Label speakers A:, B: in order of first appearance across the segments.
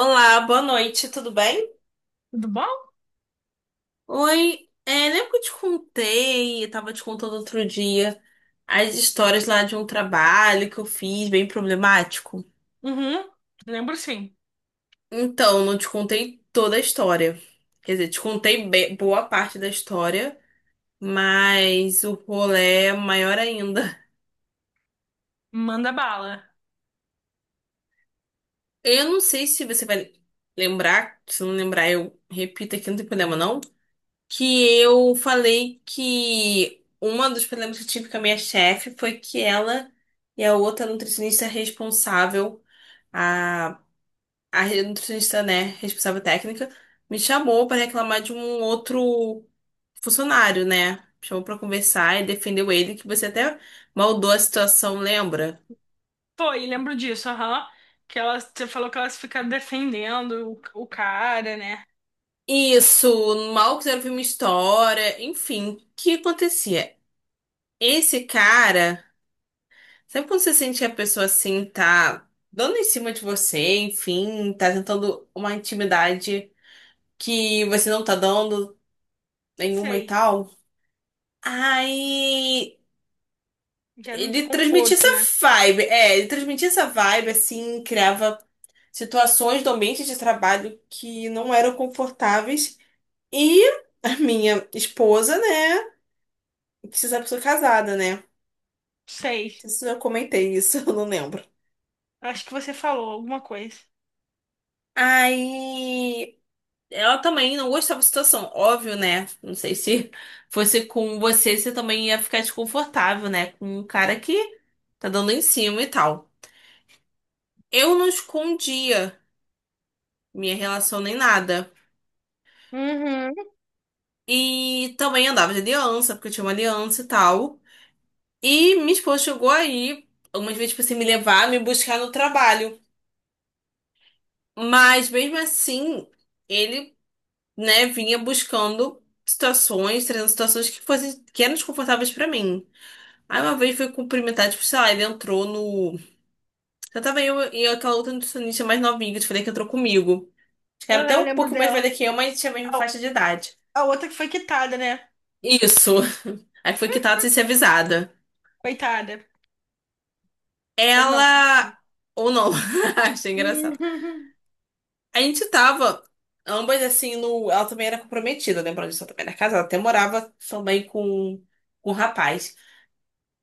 A: Olá, boa noite, tudo bem?
B: Tudo bom?
A: Oi, é, lembra que eu te contei, eu tava te contando outro dia, as histórias lá de um trabalho que eu fiz bem problemático?
B: Uhum, lembro sim.
A: Então, não te contei toda a história. Quer dizer, te contei boa parte da história, mas o rolê é maior ainda.
B: Manda bala.
A: Eu não sei se você vai lembrar, se não lembrar, eu repito aqui, não tem problema, não. Que eu falei que uma dos problemas que eu tive com a minha chefe foi que ela e a outra nutricionista responsável, a, a nutricionista, né, responsável técnica, me chamou para reclamar de um outro funcionário, né? Chamou para conversar e defendeu ele, que você até maldou a situação, lembra?
B: Foi, lembro disso, aham. Que elas, você falou que elas ficaram defendendo o cara, né?
A: Isso, mal quiseram ouvir minha história, enfim, o que acontecia? Esse cara. Sempre quando você sente que a pessoa assim tá dando em cima de você, enfim, tá tentando uma intimidade que você não tá dando nenhuma e
B: Sei.
A: tal. Aí
B: Gera um
A: ele transmitia
B: desconforto,
A: essa
B: né?
A: ele transmitia essa vibe assim, criava situações do ambiente de trabalho que não eram confortáveis. E a minha esposa, né, que você sabe que eu sou casada, né?
B: Sei.
A: Não sei se eu comentei isso, eu não lembro.
B: Acho que você falou alguma coisa.
A: Aí ela também não gostava da situação, óbvio, né? Não sei se fosse com você, você também ia ficar desconfortável, né? Com um cara que tá dando em cima e tal. Eu não escondia minha relação nem nada.
B: Uhum.
A: E também andava de aliança, porque eu tinha uma aliança e tal. E minha esposa chegou aí algumas vezes pra assim, me levar, me buscar no trabalho. Mas mesmo assim, ele, né, vinha buscando situações, trazendo situações que fossem, que eram desconfortáveis pra mim. Aí uma vez foi cumprimentar, tipo, sei lá, ele entrou no. Já tava eu e aquela outra nutricionista mais novinha que eu te falei que entrou comigo. Acho que era até
B: Aham, eu
A: um
B: lembro
A: pouquinho mais
B: dela.
A: velha que eu, mas tinha a mesma
B: A,
A: faixa de idade.
B: a outra que foi quitada, né?
A: Isso. Aí foi quitada sem ser avisada.
B: Coitada. Ou não.
A: Ela. Ou não. Achei engraçado.
B: Uhum.
A: A gente tava, ambas assim, no. Ela também era comprometida, lembrando disso, ela também era casada. Até morava também com um rapaz.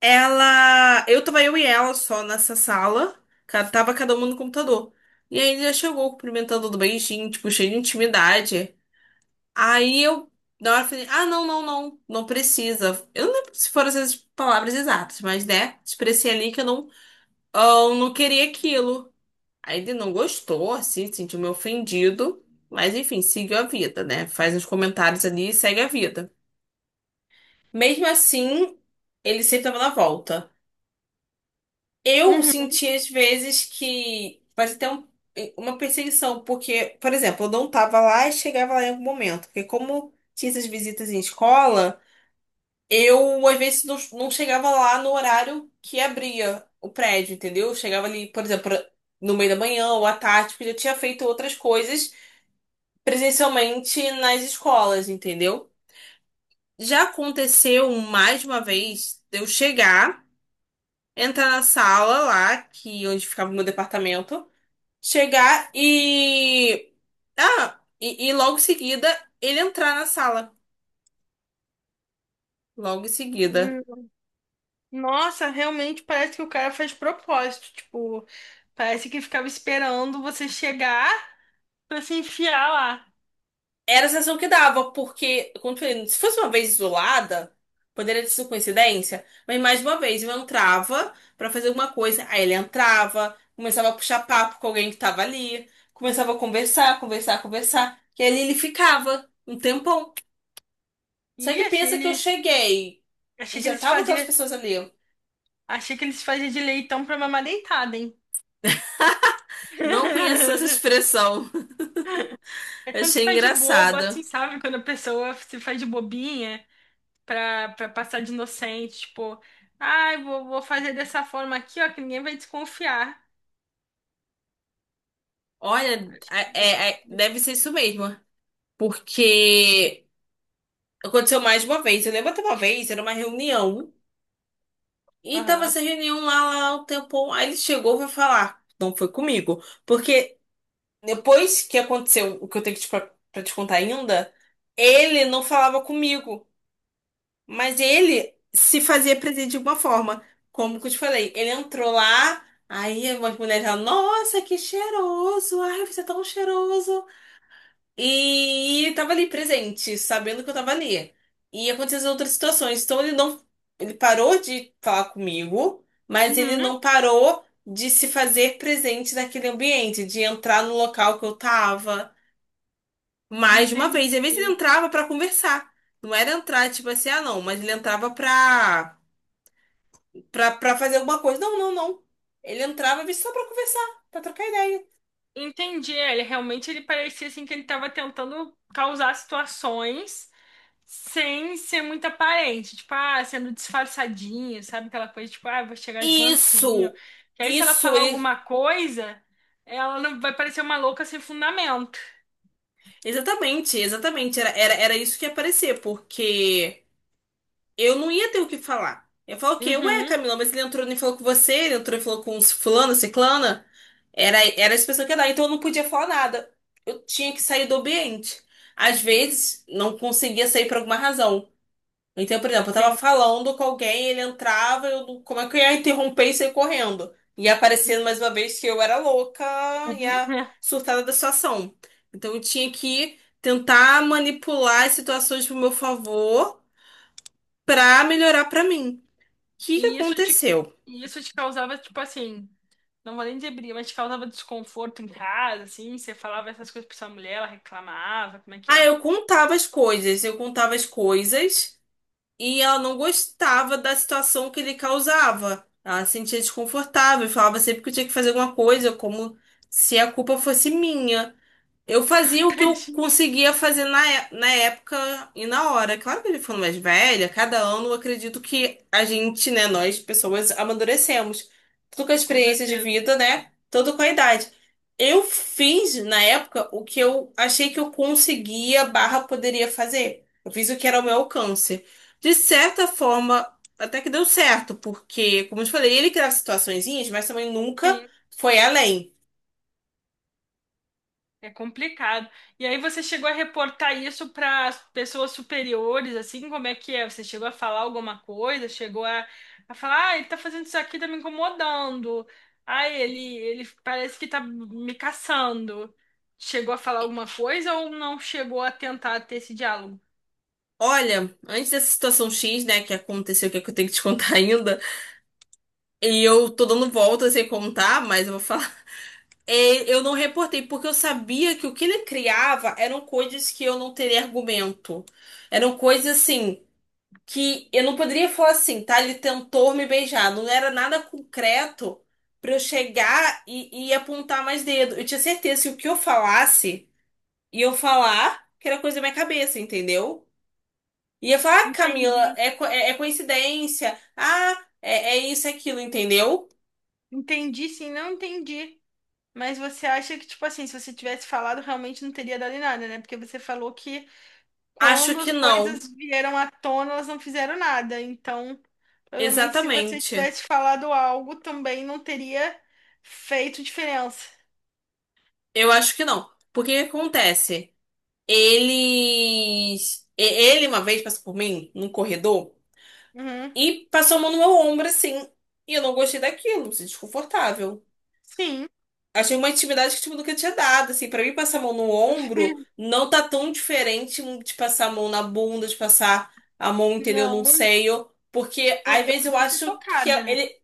A: Ela. Eu tava eu e ela só nessa sala. Tava cada uma no computador. E aí ele já chegou cumprimentando do beijinho, tipo, cheio de intimidade. Aí eu, na hora, falei: ah, não, não, não, não precisa. Eu não lembro se foram essas palavras exatas, mas né, expressei ali que eu não, "ah, eu não queria aquilo." Aí ele não gostou, assim, sentiu meio ofendido. Mas enfim, seguiu a vida, né? Faz uns comentários ali e segue a vida. Mesmo assim, ele sempre tava na volta. Eu
B: Uhum.
A: senti às vezes que vai ter uma perseguição, porque, por exemplo, eu não tava lá e chegava lá em algum momento. Porque como tinha essas visitas em escola, eu às vezes não chegava lá no horário que abria o prédio, entendeu? Eu chegava ali, por exemplo, no meio da manhã ou à tarde, porque eu já tinha feito outras coisas presencialmente nas escolas, entendeu? Já aconteceu mais uma vez de eu chegar, entrar na sala lá, que onde ficava o meu departamento. Chegar e. Ah, e logo em seguida ele entrar na sala. Logo em seguida.
B: Uhum. Nossa, realmente parece que o cara faz propósito. Tipo, parece que ficava esperando você chegar, pra se enfiar lá.
A: Era a sensação que dava, porque, como eu falei, se fosse uma vez isolada, poderia ter sido coincidência, mas mais uma vez eu entrava pra fazer alguma coisa, aí ele entrava, começava a puxar papo com alguém que tava ali, começava a conversar, conversar, conversar, e ali ele ficava um tempão. Só
B: E
A: que
B: achei
A: pensa que eu
B: ele.
A: cheguei e
B: Achei que
A: já
B: eles
A: tava aquelas
B: fazia.
A: pessoas ali.
B: Achei que eles fazia de leitão pra mamar deitada, hein?
A: Não conheço essa expressão,
B: É quando se
A: achei
B: faz de bobo,
A: engraçada.
B: assim, sabe? Quando a pessoa se faz de bobinha pra passar de inocente, tipo, ai, vou fazer dessa forma aqui, ó, que ninguém vai desconfiar.
A: Olha,
B: Acho que-
A: é, deve ser isso mesmo. Porque aconteceu mais de uma vez. Eu lembro até uma vez, era uma reunião. E tava
B: Aham.
A: essa reunião lá, lá um tempão. Aí ele chegou e foi falar. Não foi comigo. Porque depois que aconteceu o que eu tenho que te, pra te contar ainda, ele não falava comigo. Mas ele se fazia presente de uma forma. Como que eu te falei? Ele entrou lá. Aí umas mulheres falaram, nossa, que cheiroso! Ai, você é tão cheiroso! E ele tava ali presente, sabendo que eu tava ali. E aconteceu as outras situações. Então ele não. Ele parou de falar comigo, mas ele
B: Uhum,
A: não parou de se fazer presente naquele ambiente, de entrar no local que eu tava. Mais de uma vez. E
B: entendi.
A: às vezes ele entrava pra conversar. Não era entrar, tipo assim, ah, não, mas ele entrava pra fazer alguma coisa. Não, não, não. Ele entrava às vezes, só pra conversar, pra trocar ideia.
B: Entendi. É, ele realmente, ele parecia assim que ele tava tentando causar situações. Sem ser muito aparente, tipo, ah, sendo disfarçadinho, sabe? Aquela coisa, tipo, ah, vou chegar de mansinho.
A: Isso!
B: Que aí, se ela
A: Isso,
B: falar
A: ele
B: alguma coisa, ela não vai parecer uma louca sem fundamento.
A: exatamente, exatamente. Era isso que ia aparecer, porque eu não ia ter o que falar. Eu falo o quê? Ué,
B: Uhum,
A: Camila, mas ele entrou e falou com você, ele entrou e falou com os fulano, ciclana. Era essa pessoa que ia dar, então eu não podia falar nada. Eu tinha que sair do ambiente. Às vezes, não conseguia sair por alguma razão. Então, por exemplo, eu tava
B: entendi.
A: falando com alguém, ele entrava, eu, não- como é que eu ia interromper e sair correndo? E aparecendo mais uma vez que eu era louca e a
B: É.
A: surtada da situação. Então, eu tinha que tentar manipular as situações pro meu favor pra melhorar pra mim. O que que
B: E isso te,
A: aconteceu?
B: e isso te causava, tipo assim, não vou nem dizer briga, mas te causava desconforto em casa, assim, você falava essas coisas pra sua mulher, ela reclamava, como é que
A: Ah,
B: é?
A: eu contava as coisas, eu contava as coisas. E ela não gostava da situação que ele causava. Ela se sentia desconfortável e falava sempre que eu tinha que fazer alguma coisa, como se a culpa fosse minha. Eu fazia o que eu
B: Tadinha,
A: conseguia fazer na época e na hora. Claro que eu já ficando mais velha, cada ano eu acredito que a gente, né, nós pessoas, amadurecemos. Tudo com a
B: com
A: experiência de
B: certeza.
A: vida, né? Tudo com a idade. Eu fiz, na época, o que eu achei que eu conseguia, barra, poderia fazer. Eu fiz o que era ao meu alcance. De certa forma, até que deu certo, porque, como eu te falei, ele criava situaçõezinhas, mas também nunca
B: Sim.
A: foi além.
B: É complicado. E aí você chegou a reportar isso para as pessoas superiores, assim, como é que é? Você chegou a falar alguma coisa? Chegou a falar, ah, ele tá fazendo isso aqui, tá me incomodando. Ah, ele parece que tá me caçando. Chegou a falar alguma coisa ou não chegou a tentar ter esse diálogo?
A: Olha, antes dessa situação X, né, que aconteceu, que é que eu tenho que te contar ainda, e eu tô dando volta sem contar, mas eu vou falar. É, eu não reportei, porque eu sabia que o que ele criava eram coisas que eu não teria argumento. Eram coisas assim, que eu não poderia falar assim, tá? Ele tentou me beijar. Não era nada concreto pra eu chegar e apontar mais dedo. Eu tinha certeza que o que eu falasse, ia eu falar que era coisa da minha cabeça, entendeu? E ia falar, ah, Camila,
B: Entendi.
A: é coincidência. Ah, é isso, é aquilo, entendeu?
B: Entendi, sim, não entendi. Mas você acha que, tipo assim, se você tivesse falado, realmente não teria dado em nada, né? Porque você falou que,
A: Acho
B: quando as
A: que não.
B: coisas vieram à tona, elas não fizeram nada. Então, provavelmente, se você
A: Exatamente.
B: tivesse falado algo, também não teria feito diferença.
A: Eu acho que não. Porque o que acontece? Ele uma vez passou por mim, num corredor,
B: Uhum.
A: e passou a mão no meu ombro assim. E eu não gostei daquilo, me senti desconfortável.
B: Sim.
A: Achei uma intimidade que, tipo, nunca tinha dado, assim. Pra mim, passar a mão no ombro não tá tão diferente de passar a mão na bunda, de passar a mão, entendeu, num
B: Não,
A: seio. Porque,
B: não,
A: às
B: eu
A: vezes, eu
B: podia ser
A: acho que
B: tocada, né?
A: ele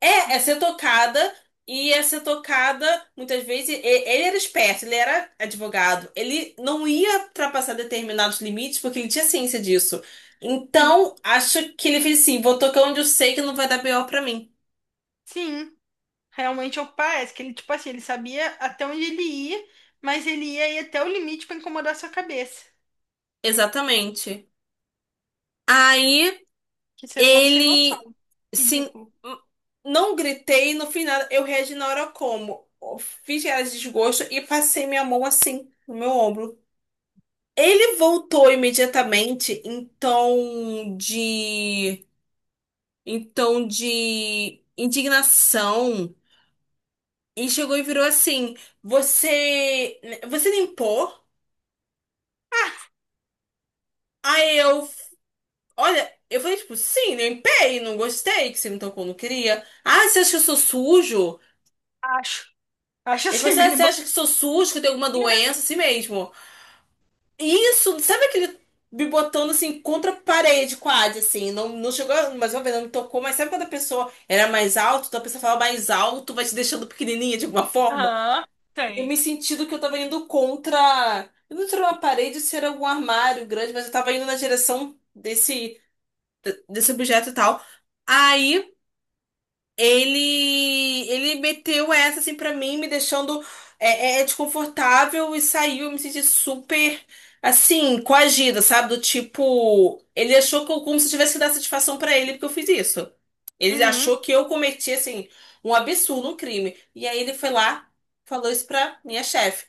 A: é, é
B: Então,
A: ser tocada e é ser tocada, muitas vezes, ele era esperto, ele era advogado. Ele não ia ultrapassar determinados limites porque ele tinha ciência disso.
B: sim,
A: Então, acho que ele fez assim, vou tocar onde eu sei que não vai dar pior pra mim.
B: sim. Realmente eu parece que ele, tipo assim, ele sabia até onde ele ia, mas ele ia ir até o limite pra incomodar sua cabeça.
A: Exatamente. Aí...
B: Que ser humano sem noção.
A: Ele, sim,
B: Ridículo.
A: hum, não gritei, no final eu reagi na hora como? Fiz cara de desgosto e passei minha mão assim no meu ombro. Ele voltou imediatamente em tom de indignação e chegou e virou assim: "Você, você limpou?" Aí eu, olha, eu falei tipo: "Sim, limpei, não gostei que você me tocou, não queria." "Ah, você acha que eu sou sujo?"
B: Acho. Acho
A: Ele falou
B: assim,
A: assim, ah,
B: bem
A: você acha que
B: bobinho.
A: sou sujo, que eu tenho alguma doença, assim mesmo. Isso, sabe aquele me botando assim contra a parede, quase, assim. Não, não chegou, mas uma vez não me tocou, mas sabe quando a pessoa era mais alta, então a pessoa falava mais alto, vai te deixando pequenininha de alguma forma?
B: Aham,
A: E eu
B: tem.
A: me senti do que eu tava indo contra. Eu não tirou uma parede, se era algum armário grande, mas eu tava indo na direção desse objeto e tal. Aí. Ele meteu essa assim pra mim, me deixando desconfortável e saiu. Eu me senti super assim, coagida, sabe? Do tipo, ele achou que eu, como se eu tivesse que dar satisfação pra ele porque eu fiz isso. Ele
B: Uhum.
A: achou que eu cometi assim um absurdo, um crime. E aí ele foi lá, falou isso pra minha chefe.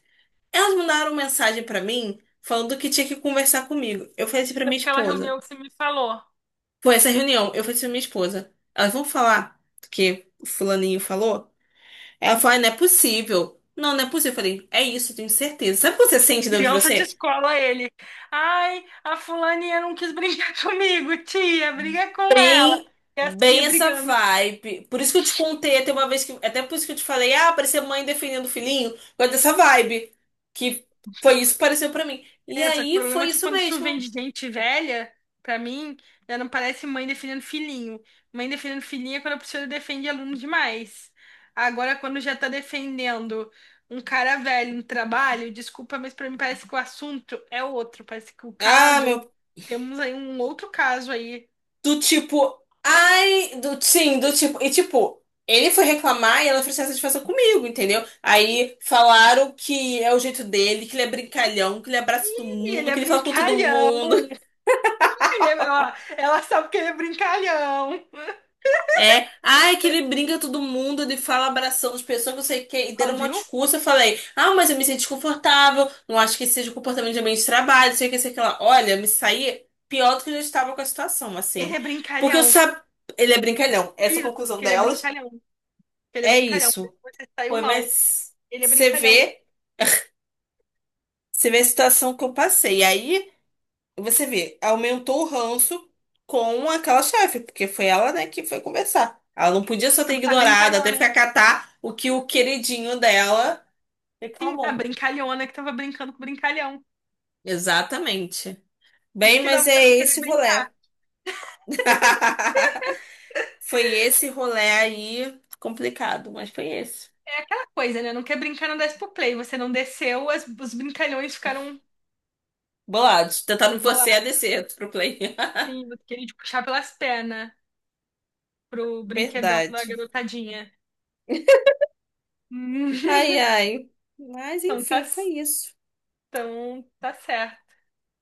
A: Elas mandaram mensagem pra mim falando que tinha que conversar comigo. Eu falei assim pra
B: Foi
A: minha
B: naquela
A: esposa.
B: reunião que você me falou.
A: Foi essa reunião, eu falei assim pra minha esposa. Elas vão falar do que o fulaninho falou? Ela falou, "Ai, não é possível. Não, não é possível." Eu falei, é isso, eu tenho certeza. Sabe o que você sente dentro de
B: Criança de
A: você?
B: escola, ele. Ai, a fulaninha não quis brigar comigo, tia, briga com ela.
A: Bem,
B: E as tia
A: bem essa
B: brigando.
A: vibe. Por isso que eu te contei até uma vez que. Até por isso que eu te falei, ah, parecia mãe defendendo o filhinho. Foi dessa vibe. Que foi isso que pareceu pra mim. E
B: É, só que o
A: aí
B: problema
A: foi
B: é que,
A: isso
B: quando isso vem
A: mesmo.
B: de gente velha, pra mim, já não parece mãe defendendo filhinho. Mãe defendendo filhinha é quando a professora defende aluno demais. Agora, quando já tá defendendo um cara velho no trabalho, desculpa, mas pra mim parece que o assunto é outro. Parece que o
A: Ah,
B: caso.
A: meu
B: Temos aí um outro caso aí.
A: do tipo, ai, do, sim, do tipo, e tipo, ele foi reclamar e ela ofereceu essa satisfação comigo, entendeu? Aí falaram que é o jeito dele, que ele é brincalhão, que ele abraça todo
B: E ele
A: mundo,
B: é
A: que ele fala com todo
B: brincalhão.
A: mundo.
B: Ó, ela sabe que ele é brincalhão.
A: É, ai, que ele brinca com todo mundo, ele fala abraçando as pessoas, não sei o que, e
B: Ó,
A: deram uma
B: viu?
A: discurso, eu falei, ah, mas eu me sinto desconfortável, não acho que esse seja o comportamento de ambiente de trabalho, não sei o que, sei o que lá. Olha, eu me saí pior do que eu já estava com a situação,
B: Ele
A: assim.
B: é
A: Porque eu
B: brincalhão.
A: sabe, ele é brincalhão,
B: Por
A: essa é a
B: isso,
A: conclusão
B: porque ele é
A: delas.
B: brincalhão. Que ele é
A: É
B: brincalhão. Por isso
A: isso.
B: você saiu
A: Foi,
B: mal.
A: mas
B: Ele é
A: você
B: brincalhão.
A: vê, você vê a situação que eu passei. E aí você vê, aumentou o ranço com aquela chefe, porque foi ela, né, que foi conversar. Ela não podia só ter
B: A
A: ignorado, até
B: brincalhona.
A: ficar catar o que o queridinho dela
B: Sim, a
A: reclamou.
B: brincalhona que tava brincando com o brincalhão.
A: Exatamente.
B: Isso
A: Bem,
B: que dá
A: mas é
B: você não querer
A: esse
B: brincar.
A: rolê. Foi esse rolê aí complicado, mas foi esse.
B: É aquela coisa, né? Não quer brincar, não desce pro play. Você não desceu, os brincalhões ficaram
A: Bolado, tentando você a
B: bolados.
A: descer pro play.
B: Sim, você queria te puxar pelas pernas pro brinquedão da
A: Verdade.
B: garotadinha. Hum.
A: Ai, ai. Mas
B: Então tá
A: enfim, foi isso.
B: Então, tá certo.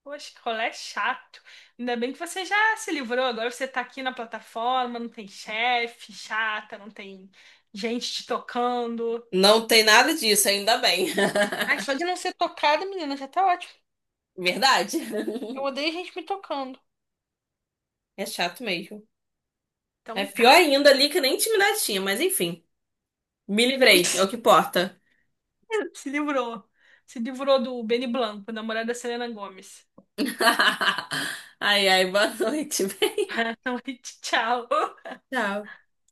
B: Poxa, que rolê chato. Ainda bem que você já se livrou. Agora você tá aqui na plataforma, não tem chefe chata, não tem gente te tocando.
A: Não tem nada disso, ainda bem.
B: Ai, só de não ser tocada, menina, já tá ótimo.
A: Verdade.
B: Eu odeio gente me tocando.
A: É chato mesmo. É
B: Então tá.
A: pior ainda ali que nem intimidade tinha, mas enfim. Me livrei, é o que importa.
B: Se livrou. Se livrou do Benny Blanco, namorado da Selena Gomes.
A: Ai, ai, boa noite.
B: Boa noite, tchau.
A: Tchau.